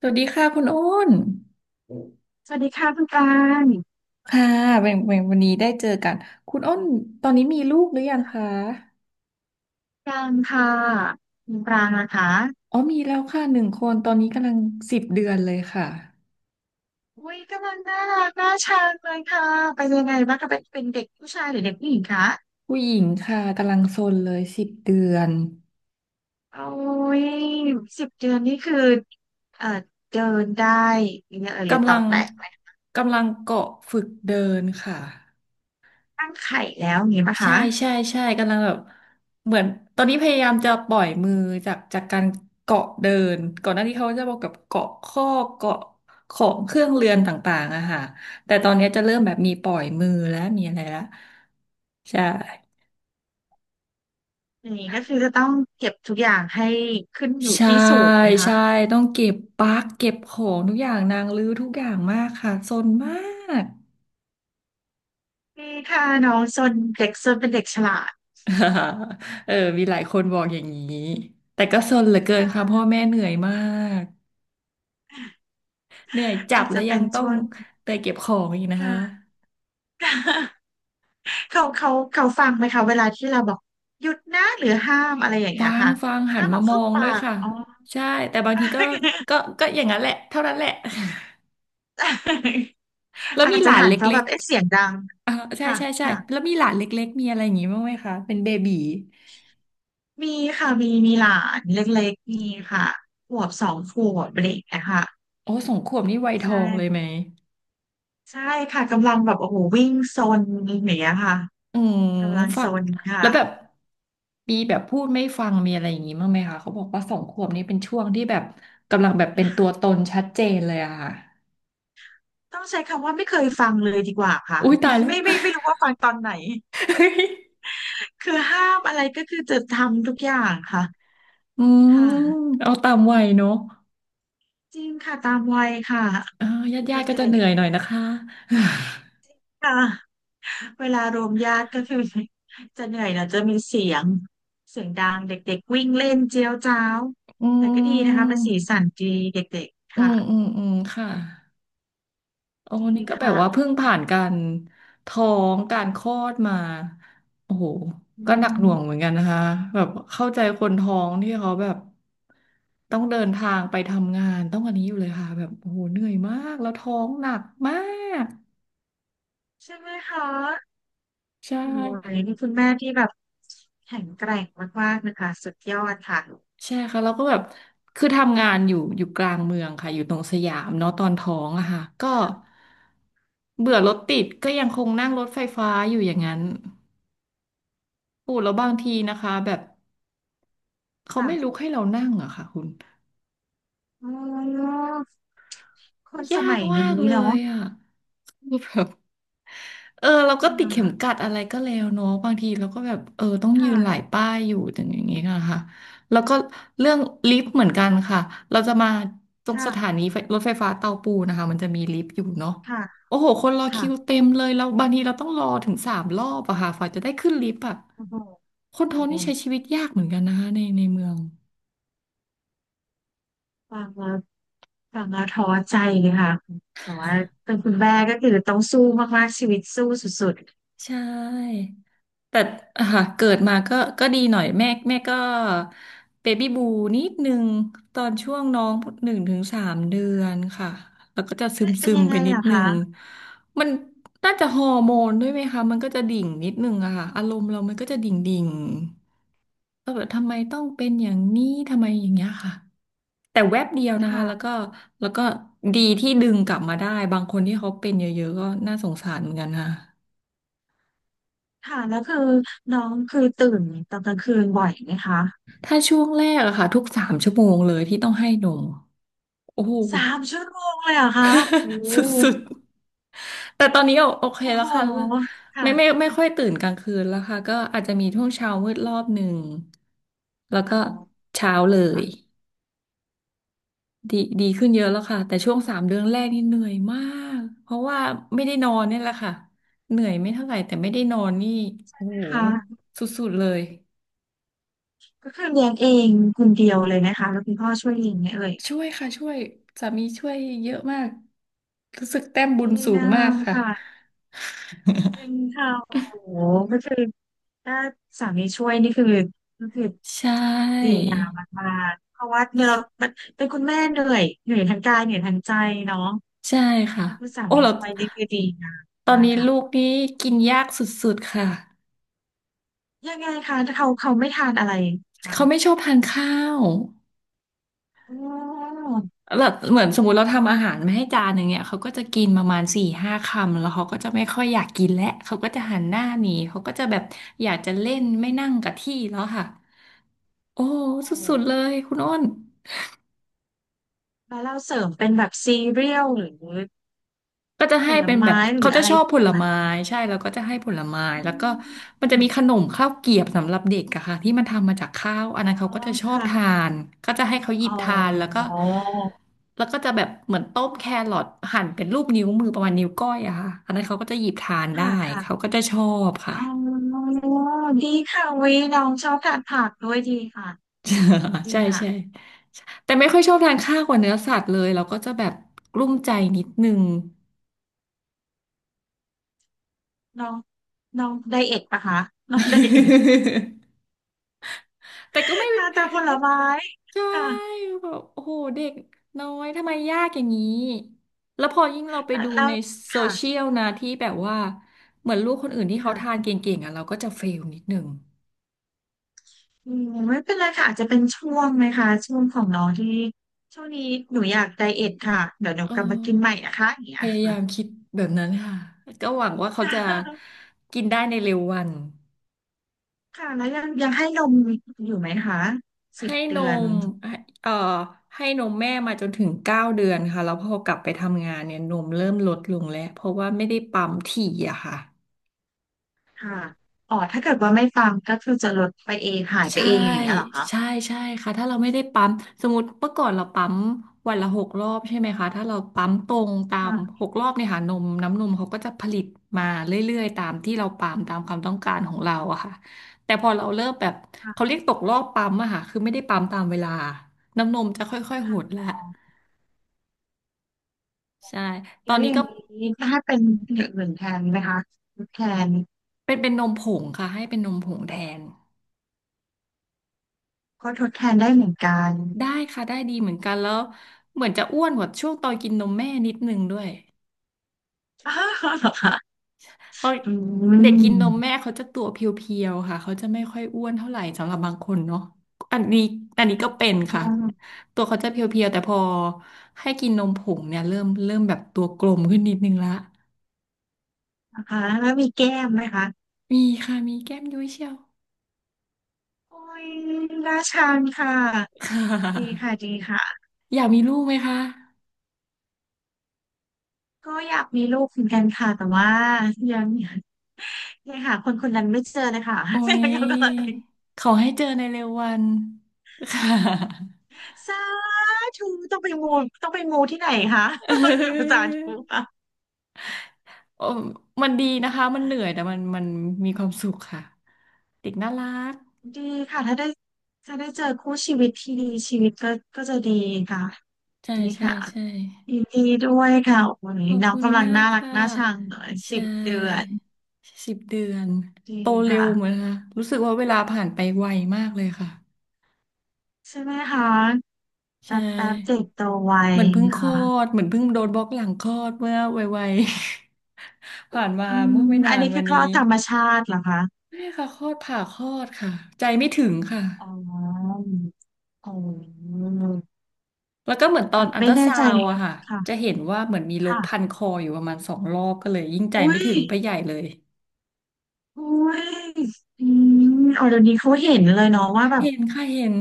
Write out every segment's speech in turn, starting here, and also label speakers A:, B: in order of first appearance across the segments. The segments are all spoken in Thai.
A: สวัสดีค่ะคุณอ้น
B: สวัสดีค่ะคุณปราง
A: ค่ะเป็นวันนี้ได้เจอกัน คุณอ้นตอนนี้มีลูกหรือยังคะ
B: ปรางค่ะคุณปรางนะคะ
A: อ๋อมีแล้วค่ะหนึ่งคนตอนนี้กำลังสิบเดือนเลยค่ะ
B: อุ้ยกำลังน่ารักน่าชังเลยค่ะเป็นยังไงบ้างคะเป็นเด็กผู้ชายหรือเด็กผู้หญิงคะ
A: ผู้หญิงค่ะกำลังซนเลยสิบเดือน
B: โอ้ยสิบเดือนนี่คือเอ่อเดินได้เนี่ยเออหรือ
A: กำ
B: ต่
A: ลั
B: อ
A: ง
B: แตะไหม
A: กำลังเกาะฝึกเดินค่ะ
B: ตั้งไข่แล้วอย่างนี้ปะ
A: ใช่
B: คะ
A: ใช่ใช่กำลังแบบเหมือนตอนนี้พยายามจะปล่อยมือจากการเกาะเดินก่อนหน้านี้เขาจะบอกกับเกาะข้อเกาะของเครื่องเรือนต่างๆอะค่ะแต่ตอนนี้จะเริ่มแบบมีปล่อยมือแล้วมีอะไรแล้วใช่
B: อย่างนี้ก็คือจะต้องเก็บทุกอย่างให้ขึ้นอยู่
A: ใช่
B: ที่สูงไหมคะ
A: ใช่ต้องเก็บปลั๊กเก็บของทุกอย่างนางรื้อทุกอย่างมากค่ะซนมาก
B: นี่ค่ะน้องซนเด็กซนเป็นเด็กฉลาด
A: เออมีหลายคนบอกอย่างนี้แต่ก็ซนเหลือเกินค่ะ
B: ค่ะ
A: พ่อแม่เหนื่อยมาก เหนื่อยจั
B: อา
A: บ
B: จ
A: แล้
B: จะ
A: วยั
B: เป็
A: ง
B: น
A: ต้อ
B: ช่
A: ง
B: วง
A: เตยเก็บของอีกนะ
B: ค่
A: คะ
B: ะ เขาฟังไหมคะเวลาที่เราบอกหยุดนะหรือห้ามอะไรอย่างเงี้
A: ฟั
B: ย
A: ง
B: ค่ะ
A: ฟังหั
B: ห้า
A: น
B: ม
A: มา
B: เอา
A: มอ
B: เข้า
A: ง
B: ปา
A: ด้วย
B: ก
A: ค่ะ
B: อ๋อ
A: ใช่แต่บางทีก็ก็อย่างนั้นแหละเท่านั้นแหละ แล้ ว
B: อา
A: มี
B: จ
A: ห
B: จะ
A: ลาน
B: หั
A: เล
B: นเพราะ
A: ็
B: แบ
A: ก
B: บเอ๊ะเสียงดัง
A: ๆอ่าใช่
B: ค่ะ
A: ใช่ใช่
B: ค่ะ
A: แล้วมีหลานเล็กๆมีอะไรอย่างงี้บ้างไหมคะเป็นเบบี
B: มีค่ะมีหลานเล็กๆมีค่ะขวบสองขวบอะไรอย่างเงี้ยค่ะ
A: โอ้สองขวบนี่วัยท
B: ใช
A: องเลยไหม
B: ่ใช่ค่ะกำลังแบบโอ้โหวิ่งซนอย่างเงี้ยค่ะ
A: อืม
B: กำลัง
A: ฟั
B: ซ
A: ก
B: นค่ะ
A: แล้วแบบมีแบบพูดไม่ฟังมีอะไรอย่างงี้บ้างไหมคะเขาบอกว่าสองขวบนี่เป็นช่วงที่แบบกำลังแบบเป็นตัวตนชัดเจนเลยอะค่ะ
B: ต้องใช้คำว่าไม่เคยฟังเลยดีกว่าค่ะ
A: อุ้ยตา
B: ไม่
A: ยแล้ว
B: ไม่ไม่ไม่รู้ว่าฟังตอนไหน คือห้ามอะไรก็คือจะทำทุกอย่างค่ะ
A: อืม
B: ค่ะ
A: เอาตามวัยเนอะ
B: จริงค่ะตามวัยค่ะ
A: เออญาติ
B: เด
A: ญาติก็จะ
B: ็
A: เหนื่
B: ก
A: อยหน่อยนะคะ
B: ๆค่ะเวลารวมญาติก็คือจะเหนื่อยนะจะมีเสียงดังเด็กๆวิ่งเล่นเจียวจ้าว
A: อื
B: แต่ก็ดีนะคะเป็น
A: ม
B: สีสันดีเด็กๆ
A: อื
B: ค่ะ
A: มอืมอืมค่ะโอ้
B: ดี
A: นี่ก็แบบ
B: ค่ะ
A: ว่าเพิ่งผ่านการท้องการคลอดมาโอ้โห
B: อื
A: ก็หนักหน่วงเหมือ
B: ม
A: นกันนะคะแบบเข้าใจคนท้องที่เขาแบบต้องเดินทางไปทำงานต้องอันนี้อยู่เลยค่ะแบบโอ้โหเหนื่อยมากแล้วท้องหนักมาก
B: ใช่ไหมคะ
A: ใช่
B: โอ้ยนี่คุณแม่ที่แบบแข็งแกร่งมากๆนะคะสุดยอดค่ะ
A: ใช่ค่ะแล้วก็แบบคือทำงานอยู่กลางเมืองค่ะอยู่ตรงสยามเนาะตอนท้องอะค่ะก็เบื่อรถติดก็ยังคงนั่งรถไฟฟ้าอยู่อย่างนั้นโอ้แล้วบางทีนะคะแบบเขา
B: ค่ะ
A: ไม่ลุกให้เรานั่งอะค่ะคุณ
B: อ๋อคนส
A: ยา
B: มั
A: ก
B: ย
A: มา
B: นี้
A: กเลย
B: เนาะ
A: อ่ะ คือแบบเออเรา
B: ค่
A: ก็ติดเข็ม
B: ะ
A: กัดอะไรก็แล้วเนาะบางทีเราก็แบบเออต้องยื
B: ค่ะ
A: นหลายป้ายอยู่อย่างนี้ค่ะค่ะแล้วก็เรื่องลิฟต์เหมือนกันค่ะเราจะมาตรงสถา
B: ค่ะ
A: นีไฟรถไฟฟ้าเตาปูนนะคะมันจะมีลิฟต์อยู่เนาะ
B: ค่ะ
A: โอ้โหคนรอคิ
B: ค่ะ
A: วเต็มเลยแล้วบางทีเราต้องรอถึง3 รอบอะค่ะฝ่าจะได้ขึ้นลิฟต์อะ
B: โอ้โห
A: คนท้องนี่ใช้ชีวิตยากเหมือนกันนะคะในเมือง
B: ฟังแล้วฟังแล้วท้อใจเลยค่ะแต่ว่าเป็นคุณแม่ก็คือต้องสู้มากๆชีวิตสู้สุด
A: ใช่ แต่ค่ะเกิดมาก็ก็ดีหน่อยแม่ก็เบบี้บูนิดนึงตอนช่วงน้องหนึ่งถึงสามเดื
B: ๆ
A: อน
B: ค่ะ
A: ค่ะแล้วก็จะซึม
B: เอ๊ะเป็
A: ซึ
B: น
A: ม
B: ยัง
A: ไป
B: ไง
A: นิ
B: เหร
A: ด
B: อ
A: นึง
B: คะ
A: มันน่าจะฮอร์โมนด้วยไหมคะมันก็จะดิ่งนิดนึงอะค่ะอารมณ์เรามันก็จะดิ่งดิ่งก็แบบทำไมต้องเป็นอย่างนี้ทำไมอย่างเงี้ยค่ะแต่แวบเดียวนะคะแล้วก็
B: ค่ะ
A: แล้วก็ดีที่ดึงกลับมาได้บางคนที่เขาเป็นเยอะๆก็น่าสงสารเหมือนกันค่ะ
B: ค่ะแล้วคือน้องคือตื่นตอนกลางคืนบ่อยไหมคะ
A: ถ้าช่วงแรกอะค่ะทุก3 ชั่วโมงเลยที่ต้องให้นมโอ้โห
B: สามชั่วโมงเลยเหรอคะโอ้โ
A: สุด
B: ห
A: ๆแต่ตอนนี้โอโอเค
B: โอ้
A: แล้
B: โห
A: วค่ะไม่ไม่
B: ค่ะ
A: ไม่ค่อยตื่นกลางคืนแล้วค่ะก็อาจจะมีช่วงเช้ามืดรอบหนึ่งแล้วก็
B: เอา
A: เช้าเล
B: เอ
A: ย
B: า
A: ดีขึ้นเยอะแล้วค่ะแต่ช่วงสามเดือนแรกนี่เหนื่อยมากเพราะว่าไม่ได้นอนเนี่ยแหละค่ะเหนื่อยไม่เท่าไหร่แต่ไม่ได้นอนนี่โอ้โห
B: นะคะ
A: สุดๆเลย
B: ก็คือเลี้ยงเองคนเดียวเลยนะคะแล้วคุณพ่อช่วยเลี้ยงไหมเอ่ย
A: ช่วยค่ะช่วยสามีช่วยเยอะมากรู้สึกแต้มบุ
B: ดี
A: ญสูง
B: งา
A: มาก
B: ม
A: ค่ะ
B: ค่ะ จริงค่ะโอ้โหก็คือถ้าสามีช่วยนี่คือก็คือ
A: ใช
B: ดี
A: ่
B: งามมากๆเพราะว่าเนี่ยเรามันเป็นคุณแม่เหนื่อยทั้งกายเหนื่อยทั้งใจเนาะ
A: ใช่ค่ะ
B: ถ้าคุณสา
A: โอ้
B: มี
A: แล้ว
B: ช่วยนี่คือดีงาม
A: ตอน
B: มาก
A: นี้
B: ค่ะ
A: ลูกนี่กินยากสุดๆค่ะ
B: ยังไงคะถ้าเขาไม่ทานอะไรคะ
A: เขาไม่ชอบทานข้าว
B: อ๋อ
A: แล้วเหมือนสมมติเราทำอาหารมาให้จานหนึ่งเนี่ยเขาก็จะกินประมาณ4-5 คำแล้วเขาก็จะไม่ค่อยอยากกินแล้วเขาก็จะหันหน้าหนีเขาก็จะแบบอยากจะเล่นไม่นั่งกับที่แล้วค่ะโอ้ส
B: โอ้
A: ุดๆเลยคุณอ้น
B: แล้วเราเสริมเป็นแบบซีเรียลหรือ
A: ก็จะ
B: ผ
A: ให้
B: ล
A: เป็นแบ
B: ไม้
A: บ
B: ห
A: เขา
B: รือ
A: จะ
B: อะไร
A: ชอบผล
B: ต่า
A: ไม้
B: ง
A: ใช่แล้วก็จะให้ผลไม้แล้วก็มัน
B: ๆอ
A: จะมี
B: ม
A: ขนมข้าวเกรียบสำหรับเด็กอะค่ะที่มันทำมาจากข้าวอันนั้
B: อ๋อ
A: นเขาก็จะชอบทา
B: ค่ะ
A: นก็จะให้เขาหยิ
B: อ๋
A: บ
B: อ
A: ทานแล้วก็จะแบบเหมือนต้มแครอทหั่นเป็นรูปนิ้วมือประมาณนิ้วก้อยอะค่ะอันนั้นเขาก็จะหยิบทานได้
B: ค่ะ
A: เขา
B: ค่ะ
A: ก็จะชอบค่ะ
B: อ๋อดีค่ะวิน้องชอบทานผักด้วยดีค่ะ ดี
A: ใช่
B: ค่ะ
A: ใช่แต่ไม่ค่อยชอบทานข้าวกับเนื้อสัตว์เลยเราก็จะแบบกลุ้มใจนิดนึง
B: น้องน้องไดเอทปะคะน้องไดเอท
A: แต่ก็ไม่
B: ทานแต่ผลไม้
A: ใช่
B: ค่ะ
A: แบบโอ้โหเด็กน้อยทำไมยากอย่างนี้แล้วพอยิ่งเราไป
B: แล้ว
A: ดู
B: แล้ว
A: ในโซเชี
B: ค่ะ
A: ยลนะที่แบบว่าเหมือนลูกคนอื่นที่เขาทาน
B: ค่ะ
A: เก่งๆอ่ะเราก็จะเฟลนิดหนึ่ง
B: อืมไม่เป็นไรค่ะอาจจะเป็นช่วงไหมคะช่วงของน้องที่ช่วงนี้หนูอยากไดเอทค่ะเดี๋ยวหนู
A: เอ
B: กลับมากินใหม่
A: อ
B: นะคะอย่างเงี้
A: พ
B: ย
A: ยายาม
B: ค่ะ
A: คิดแบบนั้นค่ะก็หวังว่าเขา
B: ค่
A: จะ
B: ะ
A: กินได้ในเร็ววัน
B: แล้วยังให้นมอยู่ไหมคะสิบ
A: ให้น
B: เดือน
A: มให้เอ่อให้นมแม่มาจนถึง9 เดือนค่ะแล้วพอกลับไปทำงานเนี่ยนมเริ่มลดลงแล้วเพราะว่าไม่ได้ปั๊มถี่อะค่ะ
B: ค่ะอ๋อถ้าเกิดว่าไม่ฟังก็คือจะลดไปเองหายไป
A: ใช่
B: เองอย่างเงี้ยเหรอคะ
A: ใช่ใช่ค่ะถ้าเราไม่ได้ปั๊มสมมติเมื่อก่อนเราปั๊มวันละหกรอบใช่ไหมคะถ้าเราปั๊มตรงตาม
B: ค่ะ
A: หกรอบเนี่ยค่ะนมน้ำนมเขาก็จะผลิตมาเรื่อยๆตามที่เราปั๊มตามความต้องการของเราอะค่ะแต่พอเราเริ่มแบบเขา
B: ค่ะ
A: เรียกตกรอบปั๊มอะค่ะคือไม่ได้ปั๊มตามเวลาน้ำนมจะค่อยๆห
B: ค่ะ
A: ดละ
B: อ๋อ
A: ใช่ตอ
B: แล้
A: น
B: วอ
A: นี้
B: ย่า
A: ก็
B: งนี้ถ้าเป็นอย่างอื่นแทนไหมคะทดแทน
A: เป็นนมผงค่ะให้เป็นนมผงแทน
B: ก็ทดแทนได้เหมือนกัน
A: ได้ค่ะได้ดีเหมือนกันแล้วเหมือนจะอ้วนกว่าช่วงตอนกินนมแม่นิดนึงด้วย
B: อ้าวเหรอคะ
A: เขา
B: อื
A: เด็กกินนม
B: ม
A: แม่เขาจะตัวเพียวๆค่ะเขาจะไม่ค่อยอ้วนเท่าไหร่สำหรับบางคนเนาะอันนี้อันนี้ก็เป็น
B: อื
A: ค่ะ
B: ม
A: ตัวเขาจะเพียวๆแต่พอให้กินนมผงเนี่ยเริ่มแบบตัวกลมขึ้นนิดนึงละ
B: นะคะแล้วมีแก้มไหมคะ
A: มีค่ะมีแก้มยุ้ยเชียว
B: โอ้ยน่าชังค่ะ
A: ค่
B: ดี
A: ะ
B: ค่ะดีค่ะ
A: อยากมีลูกไหมคะ
B: ก็อยากมีลูกเหมือนกันค่ะแต่ว่ายังยังหาคนคนนั้นไม่เจอเลยค่ะ
A: โอ้
B: ก็เล
A: ย
B: ย
A: ขอให้เจอในเร็ววัน ค่ะ
B: สาธุต้องไปมูต้องไปมูที่ไหนคะ
A: เ ออ
B: สาธุ
A: โอ้มันดีนะคะมันเหนื่อยแต่มันมันมีความสุขค่ะเด็กน่ารัก
B: ดีค่ะถ้าได้เจอคู่ชีวิตที่ดีชีวิตก็ก็จะดีค่ะ
A: ใช่
B: ดี
A: ใช่
B: ค่ะ
A: ใช่
B: ยินดีด้วยค่ะวัน
A: ข
B: นี้
A: อบ
B: น้อง
A: คุณ
B: กำลัง
A: มาก
B: น่ารัก
A: ค่ะ
B: น่าชังเลย
A: ใช
B: สิบเดือน
A: ่10 เดือน
B: ดี
A: โตเร็
B: ค่ะ
A: วเหมือนค่ะรู้สึกว่าเวลาผ่านไปไวมากเลยค่ะ
B: ใช่ไหมคะ
A: ใช
B: แป๊บแป๊บเด็
A: ่
B: กโตไว
A: เหมือนเพิ่ง
B: นะ
A: คลอ
B: คะ
A: ดเหมือนเพิ่งโดนบล็อกหลังคลอดเมื่อไวๆ ผ่านมา
B: อื
A: เมื่อ
B: ม
A: ไม่
B: อั
A: นา
B: น
A: น
B: นี้
A: วั
B: คื
A: น
B: อคล
A: นี้
B: อดธรรมชาติเหรอคะ
A: นี่ค่ะคลอดผ่าคลอดค่ะใจไม่ถึงค่ะ
B: อ๋ออ๋อ
A: แล้วก็เหมือนตอ
B: แบ
A: น
B: บ
A: อัล
B: ไม่
A: ตรา
B: แน่
A: ซา
B: ใจ
A: วด์อะ
B: ค่ะ
A: ค่ะจะ
B: ค่ะ
A: เห็นว่าเหมือนมีรกพั
B: ค่ะ
A: นคออยู่ประมาณสองรอบก็เลยยิ่งใจ
B: อุ้
A: ไม่
B: ย
A: ถึงไปใหญ่เลย
B: อุ้ยอืมอ๋อเดี๋ยวนี้เขาเห็นเลยเนาะว่าแบบ
A: เห็นค่ะเห็น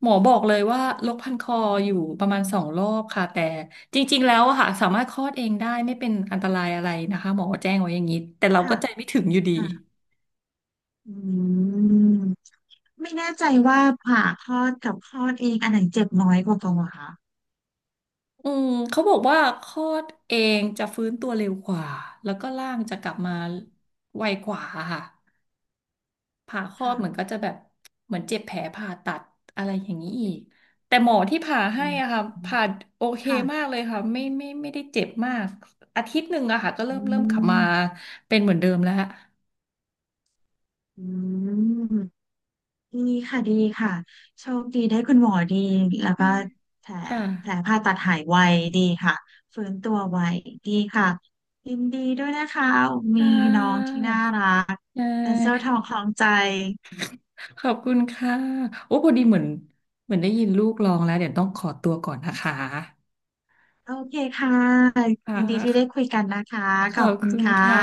A: หมอบอกเลยว่าโรกพันคออยู่ประมาณสองรอบค่ะแต่จริงๆแล้วอะค่ะสามารถคลอดเองได้ไม่เป็นอันตรายอะไรนะคะหมอแจ้งไว้อย่างนี้แต่เราก็
B: ค่ะ
A: ใจไม่ถึงอยู่ดี
B: ค่ะอืมไม่แน่ใจว่าผ่าคลอดกับคลอดเองอันไหนเจ็บน้อยกว่ากันเหรอคะ
A: อืมเขาบอกว่าคลอดเองจะฟื้นตัวเร็วกว่าแล้วก็ร่างจะกลับมาไวกว่าค่ะ ผ่าครอบ
B: ค่ะ
A: เหมือนก็จะแบบเหมือนเจ็บแผลผ่าตัดอะไรอย่างนี้อีกแต่หมอที่ผ่าให้
B: อื
A: อะค่ะ
B: ม
A: ผ่าโอเคมา
B: ค่ะ
A: กเลยค่ะไม่ได้เจ็บมากอาทิตย์หนึ่งอะค่ะก็เริ่
B: อื
A: มเริ่มขับมา
B: ม
A: เป็นเหมือนเดิมแล้วค่ะ
B: อืมดีค่ะดีค่ะโชคดีได้คุณหมอดี แล้วก็แผล
A: ค่ะ
B: แผลผ่าตัดหายไวดีค่ะฟื้นตัวไวดีค่ะยินดีด้วยนะคะ
A: ใช
B: มีน้อง
A: ่
B: ที่น่ารักเป็นเส้าทองคล้องใจ
A: ขอบคุณค่ะโอ้พอดีเหมือนได้ยินลูกร้องแล้วเดี๋ยวต้องขอตัวก่อนนะคะ
B: โอเคค่ะ
A: ค
B: ยินดีที่ได้คุ
A: ่ะ
B: ยกันนะคะ
A: ข
B: ขอ
A: อ
B: บ
A: บ
B: คุณ
A: คุณ
B: ค่ะ
A: ค่ะ